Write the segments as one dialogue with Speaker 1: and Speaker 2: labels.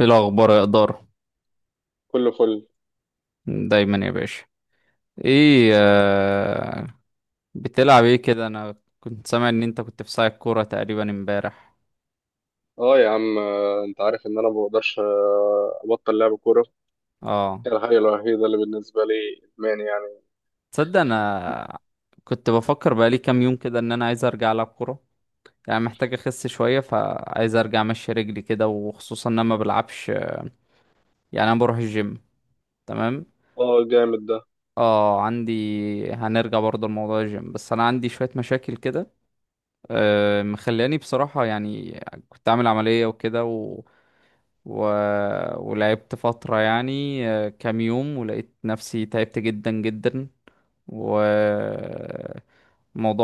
Speaker 1: ايه الاخبار يا اداره،
Speaker 2: كله فل.
Speaker 1: دايما يا باشا. ايه آه. بتلعب ايه كده؟ انا كنت سامع ان انت كنت في ساعة كوره تقريبا امبارح.
Speaker 2: اه يا عم، انت عارف ان انا ما بقدرش ابطل لعب كوره.
Speaker 1: اه.
Speaker 2: هي الحاجه الوحيده اللي بالنسبه لي، ادمان يعني.
Speaker 1: تصدق، انا كنت بفكر بقالي كام يوم كده ان انا عايز ارجع العب كوره. يعني محتاج اخس شويه، فعايز ارجع امشي رجلي كده، وخصوصا ان انا ما بلعبش. يعني انا بروح الجيم، تمام.
Speaker 2: اه، جامد ده.
Speaker 1: اه عندي، هنرجع برضه لموضوع الجيم، بس انا عندي شويه مشاكل كده مخلاني بصراحه يعني. كنت عامل عمليه وكده، و... ولعبت فترة يعني كام يوم، ولقيت نفسي تعبت جدا جدا. والموضوع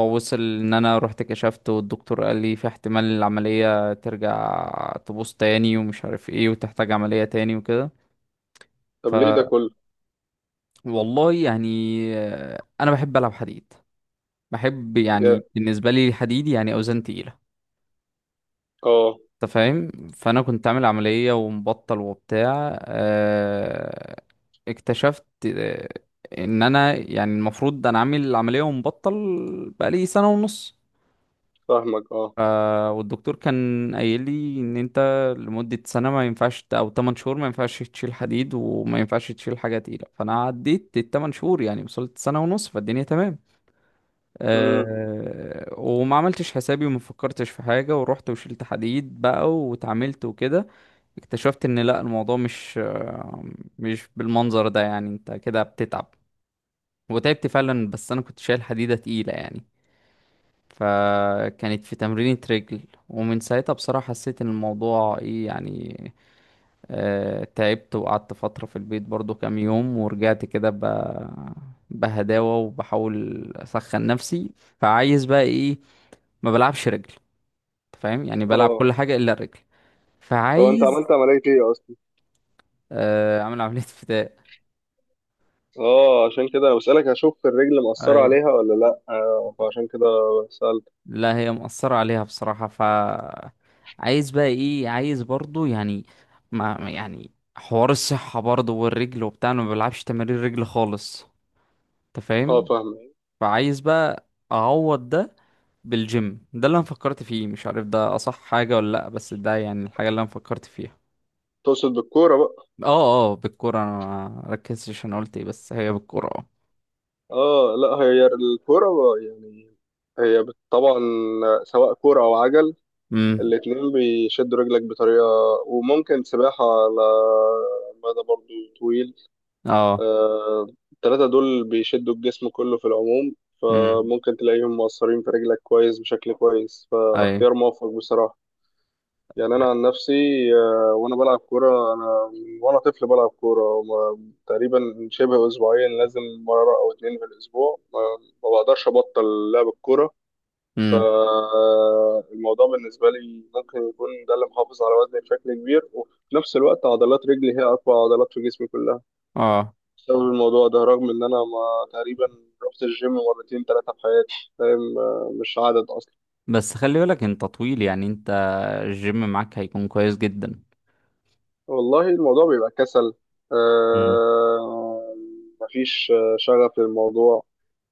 Speaker 1: وصل ان انا رحت كشفت، والدكتور قال لي في احتمال العملية ترجع تبوظ تاني ومش عارف ايه، وتحتاج عملية تاني وكده.
Speaker 2: طب
Speaker 1: ف
Speaker 2: ليه ده كله؟
Speaker 1: والله يعني انا بحب العب حديد. بحب
Speaker 2: جا-
Speaker 1: يعني، بالنسبة لي الحديد يعني اوزان تقيلة.
Speaker 2: اه،
Speaker 1: انت فاهم؟ فانا كنت عامل عملية ومبطل وبتاع، اكتشفت ان انا يعني المفروض انا عامل العملية ومبطل بقالي سنة ونص.
Speaker 2: فاهمك، اه.
Speaker 1: والدكتور كان قايل لي ان انت لمدة سنة ما ينفعش او 8 شهور ما ينفعش تشيل حديد، وما ينفعش تشيل حاجة تقيلة. فانا عديت ال 8 شهور يعني، وصلت سنة ونص فالدنيا تمام.
Speaker 2: امم.
Speaker 1: أه، وما عملتش حسابي وما فكرتش في حاجة، ورحت وشلت حديد بقى واتعاملت وكده. اكتشفت ان لا، الموضوع مش مش بالمنظر ده يعني. انت كده بتتعب، وتعبت فعلا، بس انا كنت شايل حديدة تقيلة يعني، فكانت في تمرينة رجل. ومن ساعتها بصراحة حسيت ان الموضوع ايه يعني. تعبت، وقعدت فترة في البيت برضو كام يوم، ورجعت كده بهداوة، وبحاول اسخن نفسي. فعايز بقى ايه، ما بلعبش رجل. أنت فاهم؟ يعني بلعب
Speaker 2: اه.
Speaker 1: كل حاجة إلا الرجل.
Speaker 2: هو انت
Speaker 1: فعايز
Speaker 2: عملت عمليه ايه اصلا؟
Speaker 1: أعمل عملية فداء.
Speaker 2: اه، عشان كده أنا بسالك، اشوف الرجل مأثره
Speaker 1: أي.
Speaker 2: عليها ولا لا، فعشان كده سالت.
Speaker 1: لا، هي مأثرة عليها بصراحة. ف عايز بقى إيه، عايز برضو يعني، يعني حوار الصحة برضو والرجل وبتاع. أنا ما بلعبش تمارين رجل خالص. أنت
Speaker 2: اه،
Speaker 1: فاهم؟
Speaker 2: فاهمك.
Speaker 1: فعايز بقى أعوض ده بالجيم. ده اللي أنا فكرت فيه، مش عارف ده أصح حاجة ولا لأ، بس ده يعني الحاجة اللي أنا فكرت فيها.
Speaker 2: تقصد بالكوره بقى؟
Speaker 1: اه. اه، بالكورة أنا ما ركزتش، أنا قلت إيه، بس هي بالكورة، اه.
Speaker 2: اه، لا هي الكوره بقى يعني. هي طبعا، سواء كوره او عجل،
Speaker 1: أمم.
Speaker 2: الاتنين بيشدوا رجلك بطريقة، وممكن سباحة على مدى برضو طويل.
Speaker 1: اه.
Speaker 2: آه، التلاتة دول بيشدوا الجسم كله في العموم،
Speaker 1: امم.
Speaker 2: فممكن تلاقيهم مؤثرين في رجلك كويس بشكل كويس،
Speaker 1: اي.
Speaker 2: فاختيار موفق بصراحة. يعني أنا عن نفسي، وأنا بلعب كورة، أنا من وأنا طفل بلعب كورة تقريبا شبه أسبوعيا، لازم مرة أو اتنين في الأسبوع، ما بقدرش أبطل لعب الكورة.
Speaker 1: امم.
Speaker 2: فالموضوع بالنسبة لي ممكن يكون ده اللي محافظ على وزني بشكل كبير، وفي نفس الوقت عضلات رجلي هي أقوى عضلات في جسمي كلها،
Speaker 1: اه.
Speaker 2: بسبب الموضوع ده، رغم إن أنا ما تقريبا رحت الجيم مرتين ثلاثة في حياتي، فاهم؟ مش عدد أصلا.
Speaker 1: بس خلي بالك انت طويل، يعني انت الجيم معاك هيكون كويس جدا.
Speaker 2: والله الموضوع بيبقى كسل،
Speaker 1: امم.
Speaker 2: آه، مفيش شغف للموضوع.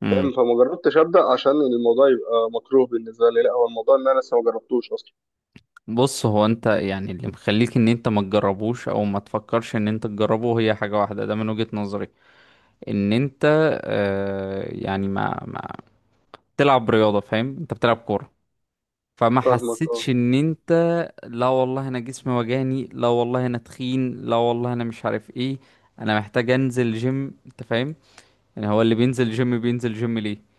Speaker 1: امم.
Speaker 2: فاهم؟ فما جربتش أبدأ عشان الموضوع يبقى مكروه بالنسبة لي، لا هو الموضوع إن أنا لسه ما جربتوش أصلا.
Speaker 1: بص، هو انت يعني اللي مخليك ان انت ما تجربوش او ما تفكرش ان انت تجربه هي حاجة واحدة، ده من وجهة نظري. ان انت يعني ما بتلعب رياضة، فاهم؟ انت بتلعب كورة، فما
Speaker 2: فاهمك، أه.
Speaker 1: حسيتش ان انت لا والله انا جسمي وجعني، لا والله انا تخين، لا والله انا مش عارف ايه، انا محتاج انزل جيم. انت فاهم؟ يعني هو اللي بينزل جيم، بينزل جيم ليه؟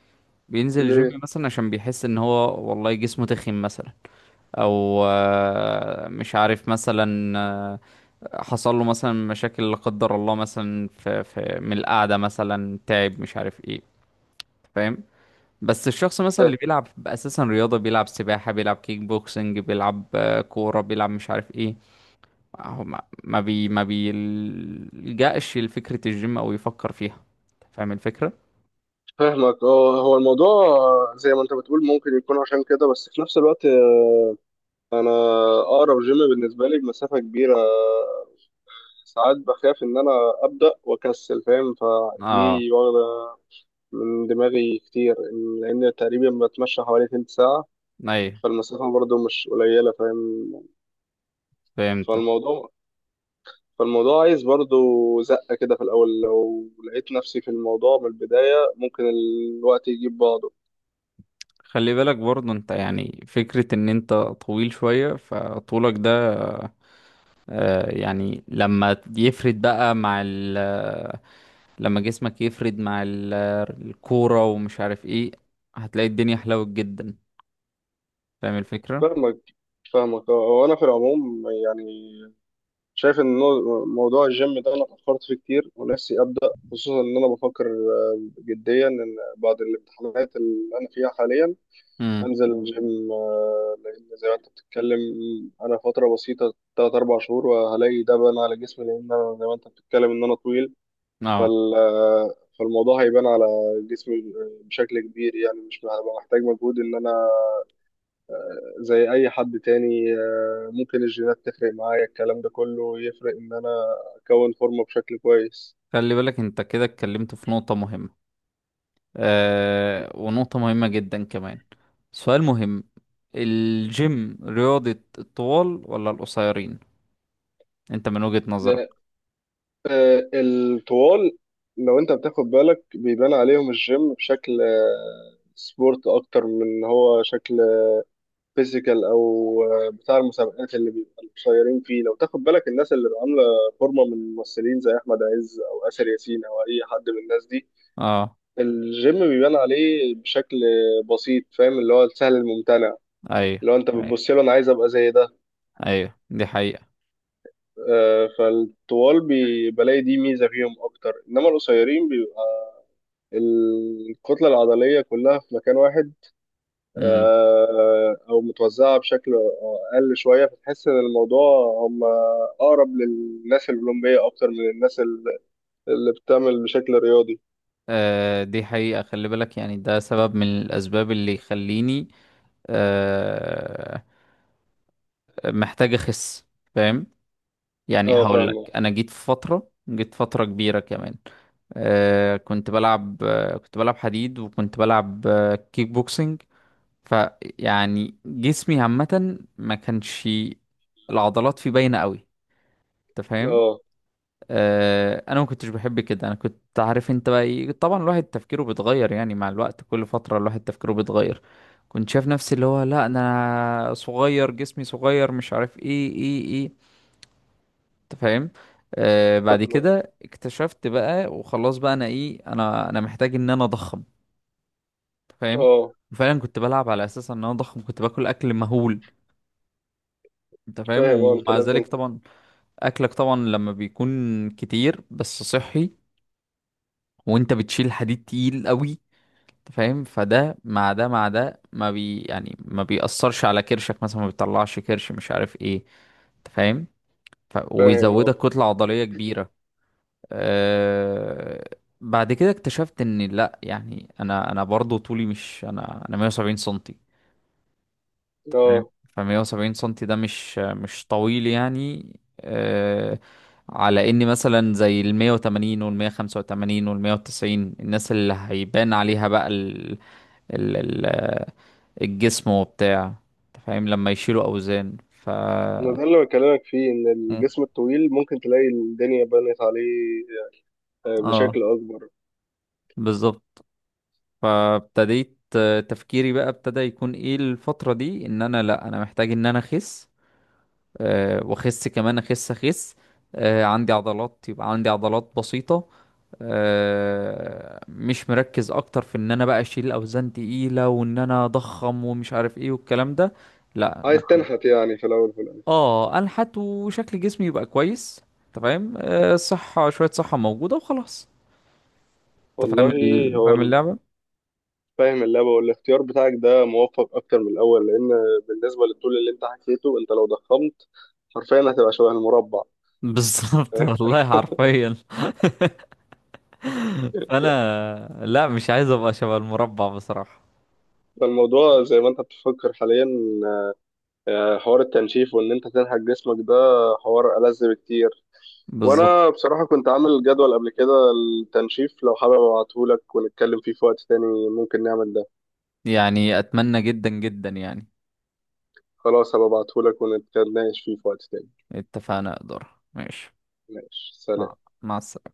Speaker 1: بينزل جيم
Speaker 2: ليه؟
Speaker 1: مثلا عشان بيحس ان هو والله جسمه تخين مثلا. او مش عارف مثلا حصل له مثلا مشاكل لا قدر الله، مثلا في من القعده مثلا تعب مش عارف ايه. فاهم؟ بس الشخص مثلا اللي بيلعب اساسا رياضه، بيلعب سباحه، بيلعب كيك بوكسنج، بيلعب كوره، بيلعب مش عارف ايه، هو ما بيلجأش لفكره الجيم او يفكر فيها. فاهم الفكره؟
Speaker 2: فاهمك، اه، هو الموضوع زي ما انت بتقول ممكن يكون عشان كده، بس في نفس الوقت، انا اقرب جيم بالنسبه لي بمسافه كبيره، ساعات بخاف ان انا ابدا واكسل، فاهم؟
Speaker 1: اه.
Speaker 2: فدي واخده من دماغي كتير، لان تقريبا بتمشى حوالي تلت ساعه،
Speaker 1: ايوه.
Speaker 2: فالمسافه برضو مش قليله، فاهم؟
Speaker 1: فهمت.
Speaker 2: فالموضوع فالموضوع عايز برضو زقه كده في الاول، لو لقيت نفسي في الموضوع من البدايه، ممكن الوقت يجيب بعضه.
Speaker 1: خلي بالك برضه انت، يعني فكرة ان انت طويل شوية، فطولك ده يعني لما جسمك يفرد مع ال- الكورة ومش عارف ايه، هتلاقي الدنيا حلوت جدا. فاهم الفكرة؟
Speaker 2: فاهمك، فاهمك، وانا في العموم يعني شايف ان موضوع الجيم ده انا فكرت فيه كتير، ونفسي ابدا، خصوصا ان انا بفكر جديا ان بعد الامتحانات اللي انا فيها حاليا
Speaker 1: امم.
Speaker 2: انزل الجيم، لان زي ما انت بتتكلم، انا فتره بسيطه 3 4 شهور وهلاقي ده بان على جسمي، لان انا زي ما انت بتتكلم ان انا طويل.
Speaker 1: اه.
Speaker 2: فالموضوع هيبان على جسمي بشكل كبير، يعني مش هبقى محتاج مجهود ان انا زي اي حد تاني، ممكن الجينات تفرق معايا، الكلام ده كله يفرق ان انا اكون فورمه بشكل كويس.
Speaker 1: خلي بالك، انت كده اتكلمت في نقطة مهمة، ونقطة مهمة جدا كمان. سؤال مهم: الجيم رياضة الطوال ولا القصيرين؟ انت من وجهة نظرك.
Speaker 2: لا، الطوال لو انت بتاخد بالك بيبان عليهم الجيم بشكل سبورت اكتر من إن هو شكل فيزيكال، او بتاع المسابقات اللي بيبقوا قصيرين فيه، لو تاخد بالك الناس اللي عامله فورمه من ممثلين زي احمد عز او اسر ياسين او اي حد من الناس دي،
Speaker 1: اه.
Speaker 2: الجيم بيبان عليه بشكل بسيط، فاهم؟ اللي هو السهل الممتنع،
Speaker 1: ايوه.
Speaker 2: لو انت
Speaker 1: ايوه.
Speaker 2: بتبص له، انا عايز ابقى زي ده.
Speaker 1: ايوه دي حقيقة.
Speaker 2: فالطوال بلاقي دي ميزه فيهم اكتر، انما القصيرين بيبقى الكتله العضليه كلها في مكان واحد،
Speaker 1: امم.
Speaker 2: او متوزعه بشكل اقل شويه، فتحس ان الموضوع هم اقرب للناس الاولمبيه اكتر من الناس اللي بتعمل بشكل رياضي.
Speaker 1: آه دي حقيقة. خلي بالك يعني، ده سبب من الاسباب اللي يخليني آه محتاج اخس. فاهم؟ يعني
Speaker 2: اه،
Speaker 1: هقول
Speaker 2: فاهمه.
Speaker 1: لك، انا جيت في فترة، جيت فترة كبيرة كمان. كنت بلعب كنت بلعب حديد، وكنت بلعب كيك بوكسنج. فيعني جسمي عامة ما كانش العضلات فيه باينة قوي. انت فاهم؟
Speaker 2: اه،
Speaker 1: انا ما كنتش بحب كده. انا كنت عارف انت بقى ايه. طبعا الواحد تفكيره بيتغير يعني، مع الوقت كل فترة الواحد تفكيره بيتغير. كنت شايف نفسي اللي هو، لا انا صغير، جسمي صغير، مش عارف ايه ايه ايه. انت فاهم؟ بعد
Speaker 2: فاهمه.
Speaker 1: كده اكتشفت بقى، وخلاص بقى انا ايه، انا محتاج ان انا اضخم. انت فاهم؟
Speaker 2: اه،
Speaker 1: وفعلا كنت بلعب على اساس ان انا اضخم، كنت باكل اكل مهول. انت فاهم؟
Speaker 2: فاهم. اه، انت
Speaker 1: ومع
Speaker 2: لازم
Speaker 1: ذلك طبعا اكلك طبعا لما بيكون كتير بس صحي، وانت بتشيل حديد تقيل قوي، أنت فاهم، فده مع ده مع ده ما بي يعني ما بيأثرش على كرشك مثلا، ما بيطلعش كرش مش عارف ايه. انت فاهم؟
Speaker 2: فاهم.
Speaker 1: وبيزودك
Speaker 2: اه،
Speaker 1: كتلة عضلية كبيرة. أه... بعد كده اكتشفت ان لا يعني، انا انا برضو طولي مش انا 170 سنتي. فاهم؟
Speaker 2: اه،
Speaker 1: ف 170 سنتي ده مش مش طويل يعني. أه... على اني مثلا زي ال 180 وال 185 وال 190، الناس اللي هيبان عليها بقى ال- ال ال الجسم وبتاع. انت فاهم لما يشيلوا اوزان. ف
Speaker 2: ما ده اللي بكلمك فيه، ان
Speaker 1: مم.
Speaker 2: الجسم الطويل ممكن تلاقي الدنيا بنت عليه بشكل
Speaker 1: اه،
Speaker 2: اكبر.
Speaker 1: بالظبط. فابتديت تفكيري بقى ابتدى يكون ايه الفترة دي، ان انا لا، انا محتاج ان انا اخس. واخس كمان، اخس اخس. عندي عضلات يبقى عندي عضلات بسيطة. مش مركز اكتر في ان انا بقى اشيل اوزان تقيلة وان انا اضخم ومش عارف ايه والكلام ده. لا.
Speaker 2: عايز تنحت يعني في الاول وفي الاخر.
Speaker 1: اه، انحت وشكل جسمي يبقى كويس. انت فاهم الصحه شويه، صحه موجوده وخلاص. انت فاهم
Speaker 2: والله، هو
Speaker 1: فاهم اللعبه.
Speaker 2: فاهم اللعبه، والاختيار بتاعك ده موفق اكتر من الاول، لان بالنسبه للطول اللي انت حكيته، انت لو ضخمت حرفيا هتبقى شبه المربع.
Speaker 1: بالظبط
Speaker 2: فاهم.
Speaker 1: والله، حرفيا. انا لا، مش عايز ابقى شبه المربع بصراحه.
Speaker 2: فالموضوع زي ما انت بتفكر حاليا، حوار التنشيف وان انت تنحت جسمك ده، حوار ألذ بكتير.
Speaker 1: بالظبط.
Speaker 2: وانا بصراحة كنت عامل جدول قبل كده، التنشيف، لو حابب ابعتهولك ونتكلم فيه في وقت تاني، ممكن نعمل ده.
Speaker 1: يعني اتمنى جدا جدا يعني.
Speaker 2: خلاص، هبقى ابعتهولك ونتناقش فيه في وقت تاني.
Speaker 1: اتفقنا، اقدر، ماشي.
Speaker 2: ماشي،
Speaker 1: مع
Speaker 2: سلام.
Speaker 1: مع السلامه.